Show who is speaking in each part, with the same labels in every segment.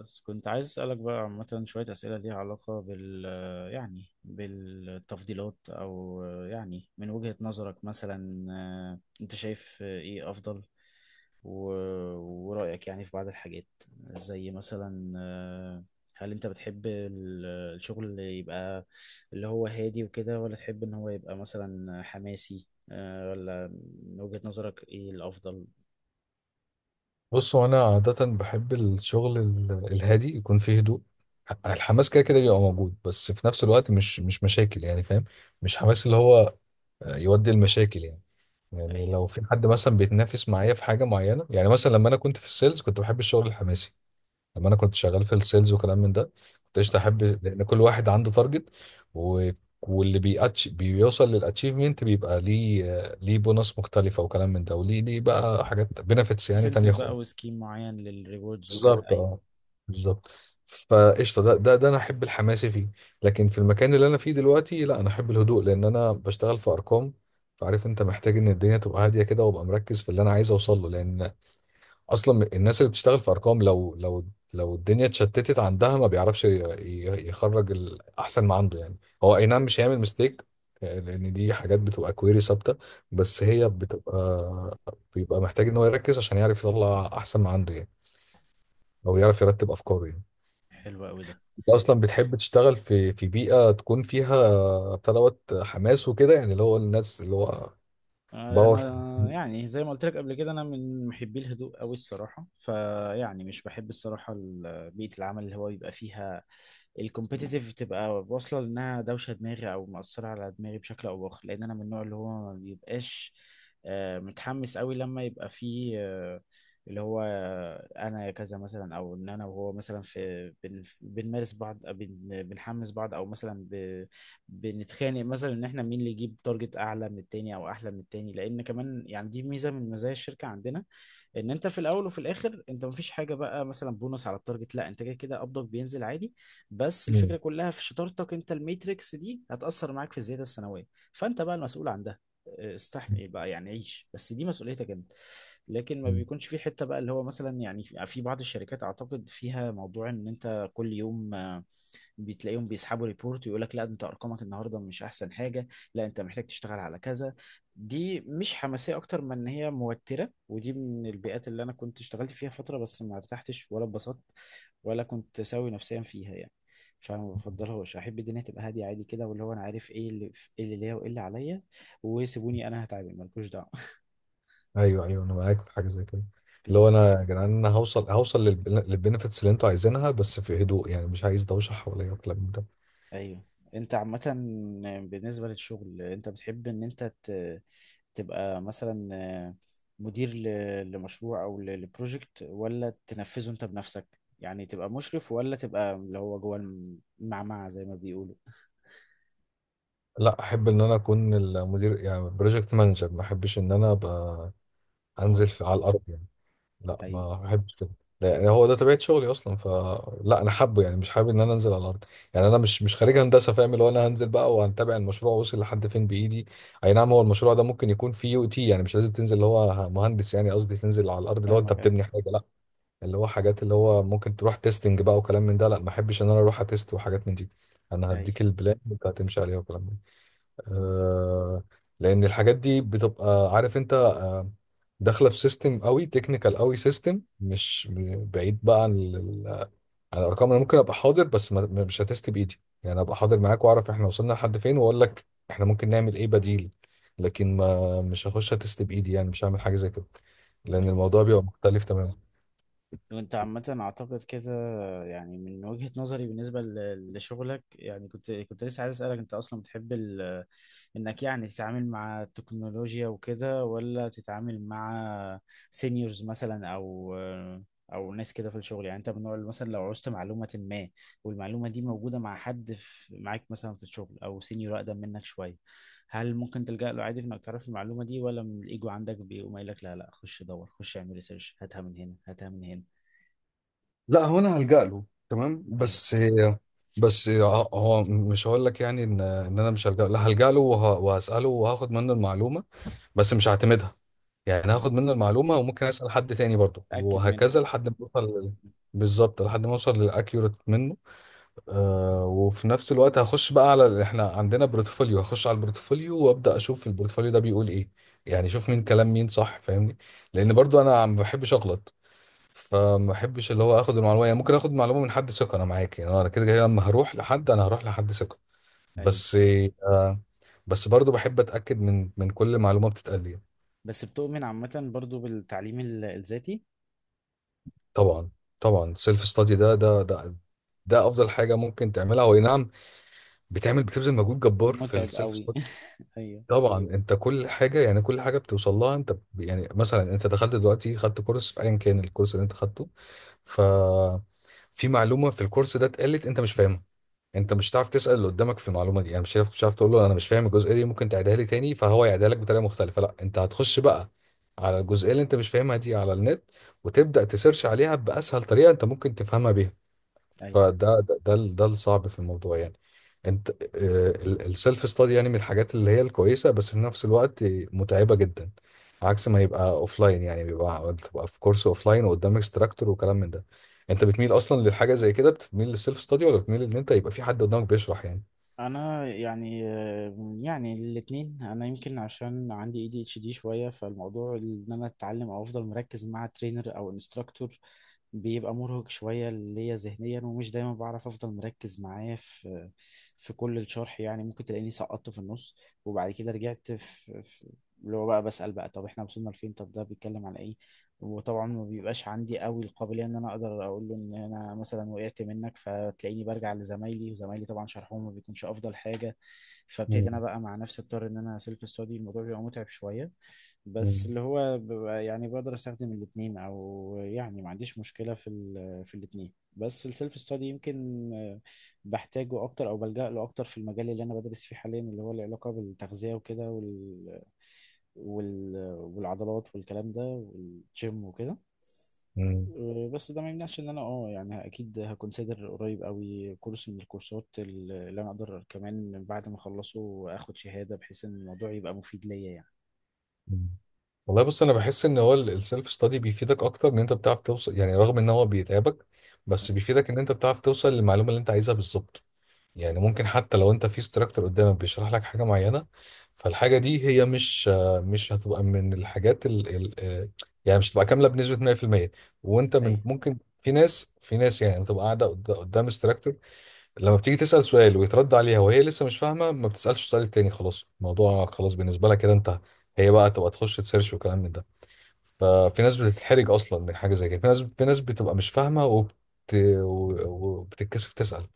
Speaker 1: بس كنت عايز أسألك بقى عامة شوية أسئلة ليها علاقة بالتفضيلات، أو يعني من وجهة نظرك مثلا أنت شايف إيه أفضل و- ورأيك يعني في بعض الحاجات. زي مثلا هل أنت بتحب الشغل اللي يبقى اللي هو هادي وكده، ولا تحب إن هو يبقى مثلا حماسي ولا من وجهة نظرك إيه الأفضل؟
Speaker 2: بص، هو انا عاده بحب الشغل الهادي، يكون فيه هدوء. الحماس كده كده بيبقى موجود، بس في نفس الوقت مش مشاكل يعني، فاهم. مش حماس اللي هو يودي المشاكل يعني. يعني
Speaker 1: أيوه.
Speaker 2: لو في حد مثلا بيتنافس معايا في حاجه معينه، يعني مثلا لما انا كنت في السيلز كنت بحب الشغل الحماسي. لما انا كنت شغال في السيلز وكلام من ده، كنت قشطه احب، لان كل واحد عنده تارجت و واللي بيأتش بيوصل للاتشيفمنت بيبقى ليه ليه بونص مختلفه وكلام من ده، وليه بقى حاجات بنفيتس يعني تانية
Speaker 1: انسنتيف بقى
Speaker 2: خالص.
Speaker 1: وسكيم معين للريوردز وكده،
Speaker 2: بالظبط،
Speaker 1: أيوه.
Speaker 2: اه، بالظبط. فقشطه، ده انا احب الحماسي فيه. لكن في المكان اللي انا فيه دلوقتي لا، انا احب الهدوء، لان انا بشتغل في ارقام. فعارف انت، محتاج ان الدنيا تبقى هاديه كده، وابقى مركز في اللي انا عايز اوصل له. لان اصلا الناس اللي بتشتغل في ارقام، لو الدنيا اتشتتت عندها، ما بيعرفش يخرج الاحسن ما عنده يعني. هو اي نعم مش هيعمل ميستيك، لان دي حاجات بتبقى كويري ثابته. بس هي بتبقى بيبقى محتاج ان هو يركز عشان يعرف يطلع احسن ما عنده يعني، او يعرف يرتب افكاره يعني.
Speaker 1: حلو قوي ده.
Speaker 2: انت اصلا بتحب تشتغل في بيئه تكون فيها بتاع دوت حماس وكده، يعني اللي هو الناس اللي هو باور.
Speaker 1: انا يعني زي ما قلت لك قبل كده، انا من محبي الهدوء قوي الصراحه، فيعني مش بحب الصراحه بيئه العمل اللي هو يبقى فيها الكومبيتيتيف تبقى واصله، لانها دوشه دماغي او مأثره على دماغي بشكل او باخر، لان انا من النوع اللي هو ما بيبقاش متحمس قوي، لما يبقى فيه اللي هو انا كذا مثلا، او ان انا وهو مثلا في بنمارس بعض، بنحمس بعض، او مثلا بنتخانق مثلا ان احنا مين اللي يجيب تارجت اعلى من التاني او احلى من التاني، لان كمان يعني دي ميزه من مزايا الشركه عندنا. ان انت في الاول وفي الاخر انت مفيش حاجه بقى مثلا بونص على التارجت، لا انت كده كده قبضك بينزل عادي، بس الفكره
Speaker 2: مم.
Speaker 1: كلها في شطارتك انت. الميتريكس دي هتاثر معاك في الزياده السنويه، فانت بقى المسؤول عن ده. استحمل إيه بقى، يعني عيش بس دي مسؤوليتك انت. لكن ما
Speaker 2: مم.
Speaker 1: بيكونش في حته بقى اللي هو مثلا يعني في بعض الشركات اعتقد فيها موضوع ان انت كل يوم بتلاقيهم بيسحبوا ريبورت ويقول لك لا انت ارقامك النهارده مش احسن حاجه، لا انت محتاج تشتغل على كذا. دي مش حماسيه اكتر من ان هي موتره، ودي من البيئات اللي انا كنت اشتغلت فيها فتره، بس ما ارتحتش ولا اتبسطت ولا كنت سوي نفسيا فيها يعني. فما بفضلهاش، احب الدنيا تبقى هاديه عادي كده، واللي هو انا عارف ايه اللي ليا وايه اللي عليا، وسيبوني انا هتعامل، مالكوش دعوه.
Speaker 2: ايوه، ايوه، انا معاك في حاجه زي كده. اللي هو
Speaker 1: بن-
Speaker 2: انا يا جدعان، انا هوصل، هوصل للبنفيتس اللي انتوا عايزينها، بس في هدوء يعني، مش عايز دوشه حواليا والكلام من ده.
Speaker 1: ايوه. انت عامه بالنسبه للشغل انت بتحب ان تبقى مثلا مدير لمشروع او لبروجكت، ولا تنفذه انت بنفسك؟ يعني تبقى مشرف ولا تبقى اللي هو جوه المعمعة زي ما بيقولوا.
Speaker 2: لا، احب ان انا اكون المدير يعني بروجكت مانجر، ما احبش ان انا ابقى انزل
Speaker 1: اهو.
Speaker 2: في على الارض يعني. لا،
Speaker 1: ايوه،
Speaker 2: ما بحبش كده. لا، هو ده طبيعة شغلي أصلا، فلا أنا حابه، يعني مش حابب إن أنا أنزل على الأرض. يعني أنا مش خريج هندسة، فاهم، اللي هو أنا هنزل بقى وهنتابع المشروع وصل لحد فين بإيدي. أي نعم، هو المشروع ده ممكن يكون فيه يو تي، يعني مش لازم تنزل اللي هو مهندس، يعني قصدي تنزل على الأرض اللي هو أنت
Speaker 1: فاهمك. ايوه،
Speaker 2: بتبني حاجة، لا. اللي هو حاجات اللي هو ممكن تروح تيستنج بقى وكلام من ده، لا، ما أحبش إن أنا أروح أتست وحاجات من دي. أنا
Speaker 1: ايوه.
Speaker 2: هديك البلان وأنت هتمشي عليها وكلام من ده.
Speaker 1: مم.
Speaker 2: آه، لان الحاجات دي بتبقى، عارف انت، داخله في سيستم قوي، تكنيكال قوي، سيستم مش م- بعيد بقى عن عن الارقام. انا ممكن ابقى حاضر، بس مش هتست بايدي يعني، ابقى حاضر معاك واعرف احنا وصلنا لحد فين، واقول لك احنا ممكن نعمل ايه بديل. لكن ما مش هخش هتست بايدي يعني، مش هعمل حاجه زي كده، لان
Speaker 1: ايوه.
Speaker 2: الموضوع بيبقى مختلف تماما.
Speaker 1: وانت عامة اعتقد كده، يعني من وجهة نظري بالنسبة لشغلك، يعني كنت لسه عايز اسألك، انت اصلا بتحب انك يعني تتعامل مع التكنولوجيا وكده، ولا تتعامل مع سينيورز مثلا، او او ناس كده في الشغل. يعني انت من النوع اللي مثلا لو عوزت معلومة ما، والمعلومة دي موجودة مع حد معاك مثلا في الشغل او سينيور اقدم منك شوية، هل ممكن تلجأ له عادي في انك تعرف المعلومة دي، ولا من الايجو عندك بيقوم قايل لك لا لا خش دور، خش اعمل ريسيرش، هاتها من هنا هاتها من هنا؟
Speaker 2: لا، هو انا هلجأ له، تمام.
Speaker 1: ايوه.
Speaker 2: بس، بس هو مش هقول لك يعني ان انا مش هلجأ له، لا، هلجأ له وهسأله وهاخد منه المعلومه، بس مش هعتمدها. يعني
Speaker 1: ايوه،
Speaker 2: هاخد منه المعلومة وممكن أسأل حد تاني برضه،
Speaker 1: تأكد منها
Speaker 2: وهكذا
Speaker 1: بقى.
Speaker 2: لحد ما أوصل بالظبط، لحد ما أوصل للأكيوريت منه. آه، وفي نفس الوقت هخش بقى على إحنا عندنا بورتفوليو، هخش على البورتفوليو وأبدأ أشوف البورتفوليو ده بيقول إيه. يعني أشوف مين كلام مين صح، فاهمني، لأن برضه أنا ما بحبش أغلط. فما بحبش اللي هو آخد المعلومة، يعني ممكن آخد معلومة من حد ثقة أنا معاك، يعني أنا كده كده لما هروح لحد أنا هروح لحد ثقة،
Speaker 1: ايوه.
Speaker 2: بس، آه، بس برضه بحب أتأكد من كل معلومة بتتقال لي.
Speaker 1: بس بتؤمن عامة برضو بالتعليم الذاتي؟
Speaker 2: طبعا، طبعا، سيلف ستادي، ده افضل حاجه ممكن تعملها، هو أي نعم. بتعمل، بتبذل مجهود جبار في
Speaker 1: ومتعب
Speaker 2: السيلف
Speaker 1: قوي
Speaker 2: ستادي.
Speaker 1: ايوه.
Speaker 2: طبعا، انت كل حاجه يعني، كل حاجه بتوصل لها انت، يعني مثلا انت دخلت دلوقتي، خدت كورس في ايا كان الكورس اللي انت خدته، ففي معلومه في الكورس ده اتقالت انت مش فاهمها، انت مش هتعرف تسال اللي قدامك في المعلومه دي. يعني مش هتعرف، مش هتعرف تقول له انا مش فاهم الجزئيه دي، ممكن تعيدها لي تاني فهو يعيدها لك بطريقه مختلفه، لا، انت هتخش بقى على الجزئيه اللي انت مش فاهمها دي على النت، وتبدا تسيرش عليها باسهل طريقه انت ممكن تفهمها بيها.
Speaker 1: ايوه،
Speaker 2: فده ده ده ال- ده الصعب في الموضوع يعني. انت، السيلف ستادي يعني من الحاجات اللي هي الكويسه، بس في نفس الوقت متعبه جدا، عكس ما يبقى اوف لاين يعني، بيبقى تبقى في كورس اوف لاين وقدام اكستراكتور وكلام من ده. انت بتميل اصلا للحاجه زي كده، بتميل للسيلف ستادي، ولا بتميل ان انت يبقى في حد قدامك بيشرح يعني؟
Speaker 1: انا يعني يعني الاثنين، انا يمكن عشان عندي اي دي اتش دي شويه، فالموضوع ان انا اتعلم او افضل مركز مع ترينر او انستراكتور بيبقى مرهق شويه ليا ذهنيا، ومش دايما بعرف افضل مركز معاه في في كل الشرح، يعني ممكن تلاقيني سقطت في النص، وبعد كده رجعت في اللي هو بقى بسأل بقى طب احنا وصلنا لفين، طب ده بيتكلم على ايه. وطبعا ما بيبقاش عندي قوي القابليه ان انا اقدر اقول له ان انا مثلا وقعت منك، فتلاقيني برجع لزمايلي، وزمايلي طبعا شرحهم ما بيكونش افضل حاجه، فابتدي
Speaker 2: مم.
Speaker 1: انا بقى مع نفسي اضطر ان انا سيلف ستادي. الموضوع بيبقى متعب شويه، بس
Speaker 2: مم.
Speaker 1: اللي هو ببقى يعني بقدر استخدم الاثنين، او يعني ما عنديش مشكله في في الاثنين، بس السيلف ستادي يمكن بحتاجه اكتر او بلجأ له اكتر في المجال اللي انا بدرس فيه حاليا، اللي هو له علاقه بالتغذيه وكده، وال والعضلات والكلام ده والجيم وكده.
Speaker 2: مم.
Speaker 1: أه، بس ده ما يمنعش ان انا اه يعني اكيد هكونسيدر قريب قوي كورس من الكورسات اللي انا اقدر كمان بعد ما اخلصه اخد شهادة، بحيث ان الموضوع يبقى مفيد ليا يعني.
Speaker 2: مم. والله بص، انا بحس ان هو السيلف ستادي بيفيدك اكتر، ان انت بتعرف توصل يعني، رغم ان هو بيتعبك، بس بيفيدك ان انت بتعرف توصل للمعلومه اللي انت عايزها بالظبط. يعني ممكن حتى لو انت في instructor قدامك بيشرح لك حاجه معينه، فالحاجه دي هي مش، مش هتبقى من الحاجات ال ال آه، يعني مش هتبقى كامله بنسبه 100%. وانت من،
Speaker 1: ايوه.
Speaker 2: ممكن في ناس، في ناس يعني بتبقى قاعده قدام instructor، لما بتيجي تسال سؤال ويترد عليها وهي لسه مش فاهمه، ما بتسالش السؤال التاني، خلاص الموضوع خلاص بالنسبه لها كده، انتهى. هي بقى تبقى تخش تسيرش وكلام من ده. ففي ناس بتتحرج اصلا من حاجه زي كده، في ناس بتبقى مش فاهمه و- وبتتكسف تسال.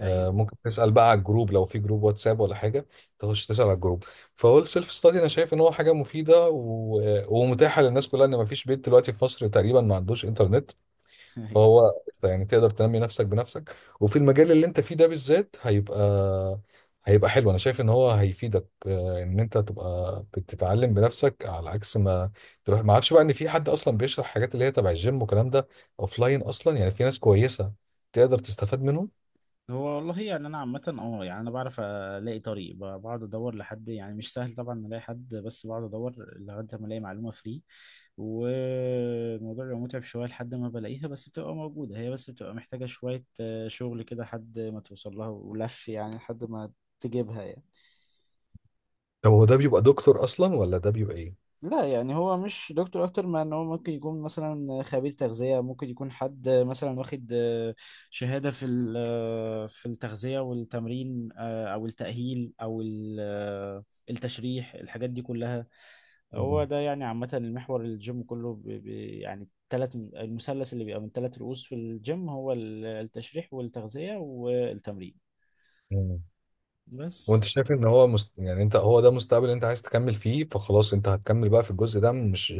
Speaker 2: آه،
Speaker 1: ايوه.
Speaker 2: ممكن تسأل بقى على الجروب لو في جروب واتساب ولا حاجة، تخش تسأل على الجروب. فهول سيلف ستادي أنا شايف إن هو حاجة مفيدة و... ومتاحة للناس كلها، إن مفيش بيت دلوقتي في مصر تقريبا ما عندوش إنترنت.
Speaker 1: ايوه.
Speaker 2: فهو يعني تقدر تنمي نفسك بنفسك. وفي المجال اللي أنت فيه ده بالذات هيبقى، هيبقى حلو. أنا شايف إن هو هيفيدك، آه، إن أنت تبقى بتتعلم بنفسك، على عكس ما تروح، ما أعرفش بقى إن في حد أصلا بيشرح حاجات اللي هي تبع الجيم والكلام ده أوفلاين، أصلا يعني في ناس كويسة تقدر تستفاد منهم.
Speaker 1: هو والله يعني انا عامه اه يعني انا بعرف الاقي طريق، بقعد ادور لحد، يعني مش سهل طبعا الاقي حد، بس بقعد ادور لغايه ما الاقي معلومه فري، والموضوع بيبقى متعب شويه لحد ما بلاقيها، بس بتبقى موجوده هي، بس بتبقى محتاجه شويه شغل كده لحد ما توصل لها ولف، يعني لحد ما تجيبها يعني.
Speaker 2: طب هو ده بيبقى دكتور اصلا، ولا ده بيبقى ايه؟
Speaker 1: لا يعني هو مش دكتور، اكتر ما ان هو ممكن يكون مثلا خبير تغذية، ممكن يكون حد مثلا واخد شهادة في في التغذية والتمرين، او التأهيل، او التشريح، الحاجات دي كلها. هو
Speaker 2: مم.
Speaker 1: ده يعني عامة المحور، الجيم كله يعني تلات المثلث اللي بيبقى من ثلاث رؤوس في الجيم هو التشريح والتغذية والتمرين.
Speaker 2: مم. وانت
Speaker 1: بس.
Speaker 2: شايف ان هو يعني انت، هو ده مستقبل انت عايز تكمل فيه، فخلاص انت هتكمل بقى في الجزء ده، مش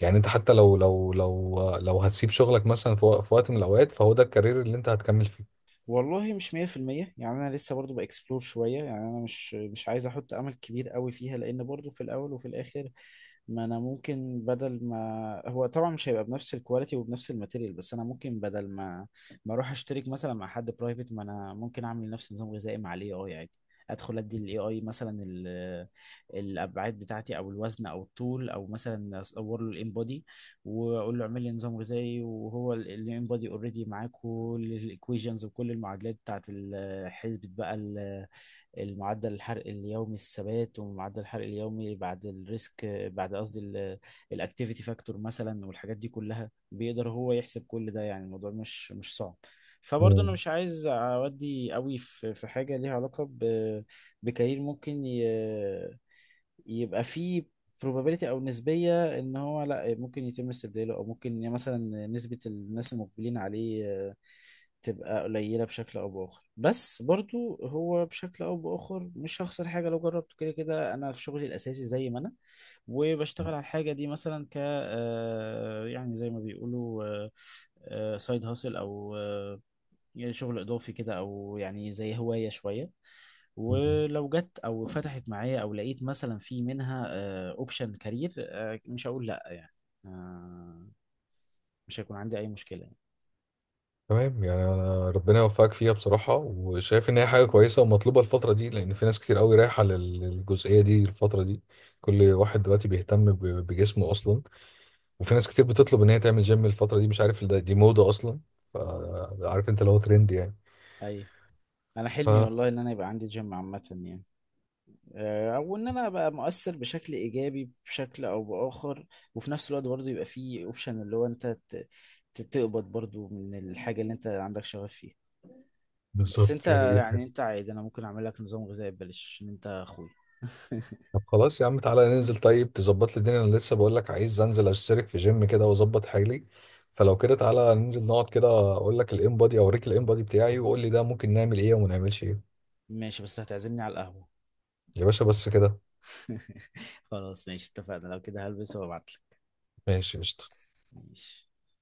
Speaker 2: يعني، انت حتى لو هتسيب شغلك مثلا في وقت من الاوقات، فهو ده الكارير اللي انت هتكمل فيه.
Speaker 1: والله مش 100%، يعني انا لسه برضو باكسبلور شويه، يعني انا مش عايز احط امل كبير قوي فيها، لان برضو في الاول وفي الاخر، ما انا ممكن بدل ما، هو طبعا مش هيبقى بنفس الكواليتي وبنفس الماتيريال، بس انا ممكن بدل ما ما اروح اشترك مثلا مع حد برايفت، ما انا ممكن اعمل نفس نظام غذائي مع الاي اي عادي. ادخل ادي للاي اي مثلا الابعاد بتاعتي، او الوزن، او الطول، او مثلا اصور له الان واقول له اعمل لي نظام غذائي، وهو اللي انبادي اوريدي معاه كل الايكويشنز وكل المعادلات بتاعت حسبة بقى المعدل الحرق اليومي الثبات، ومعدل الحرق اليومي بعد الريسك، بعد، قصدي الاكتيفيتي فاكتور مثلا، والحاجات دي كلها بيقدر هو يحسب كل ده، يعني الموضوع مش مش صعب. فبرضه انا
Speaker 2: مم.
Speaker 1: مش عايز اودي قوي في في حاجه ليها علاقه بكارير ممكن يبقى في probability، او نسبيه ان هو لا ممكن يتم استبداله، او ممكن يعني مثلا نسبه الناس المقبلين عليه تبقى قليله بشكل او باخر. بس برضو هو بشكل او باخر مش هخسر حاجه لو جربته، كده كده انا في شغلي الاساسي زي ما انا، وبشتغل على الحاجه دي مثلا ك يعني زي ما بيقولوا سايد هاسل، او يعني شغل اضافي كده، او يعني زي هواية شوية.
Speaker 2: مم.
Speaker 1: ولو جت او فتحت معايا او لقيت مثلا في منها اوبشن كارير مش هقول لا يعني. آه، مش هيكون عندي اي مشكلة يعني.
Speaker 2: تمام، يعني أنا ربنا يوفقك فيها بصراحة، وشايف إن هي حاجة كويسة ومطلوبة الفترة دي، لأن في ناس كتير قوي رايحة للجزئية دي الفترة دي. كل واحد دلوقتي بيهتم بجسمه أصلا، وفي ناس كتير بتطلب ان هي تعمل جيم الفتره دي، مش عارف ده دي موضه اصلا. ف- عارف انت اللي هو ترند يعني.
Speaker 1: اي. انا حلمي
Speaker 2: ف
Speaker 1: والله ان انا يبقى عندي جيم عامة يعني. او ان انا ابقى مؤثر بشكل ايجابي بشكل او باخر، وفي نفس الوقت برضه يبقى في اوبشن اللي هو تقبض برضه من الحاجة اللي انت عندك شغف فيها. بس انت
Speaker 2: بالظبط، يعني دي
Speaker 1: يعني
Speaker 2: حاجة.
Speaker 1: انت عادي، انا ممكن اعمل لك نظام غذائي ببلاش، ان انت اخويا.
Speaker 2: طب خلاص يا عم، تعالى ننزل، طيب تظبط لي الدنيا، انا لسه بقول لك عايز انزل اشترك في جيم كده واظبط حالي. فلو كده تعالى ننزل نقعد كده، اقول لك الام بادي اوريك الام بادي بتاعي، وقول لي ده ممكن نعمل ايه وما نعملش ايه.
Speaker 1: ماشي، بس هتعزمني على القهوة.
Speaker 2: يا باشا بس كده.
Speaker 1: خلاص ماشي، اتفقنا، لو كده هلبس وابعتلك.
Speaker 2: ماشي، قشطه.
Speaker 1: ماشي.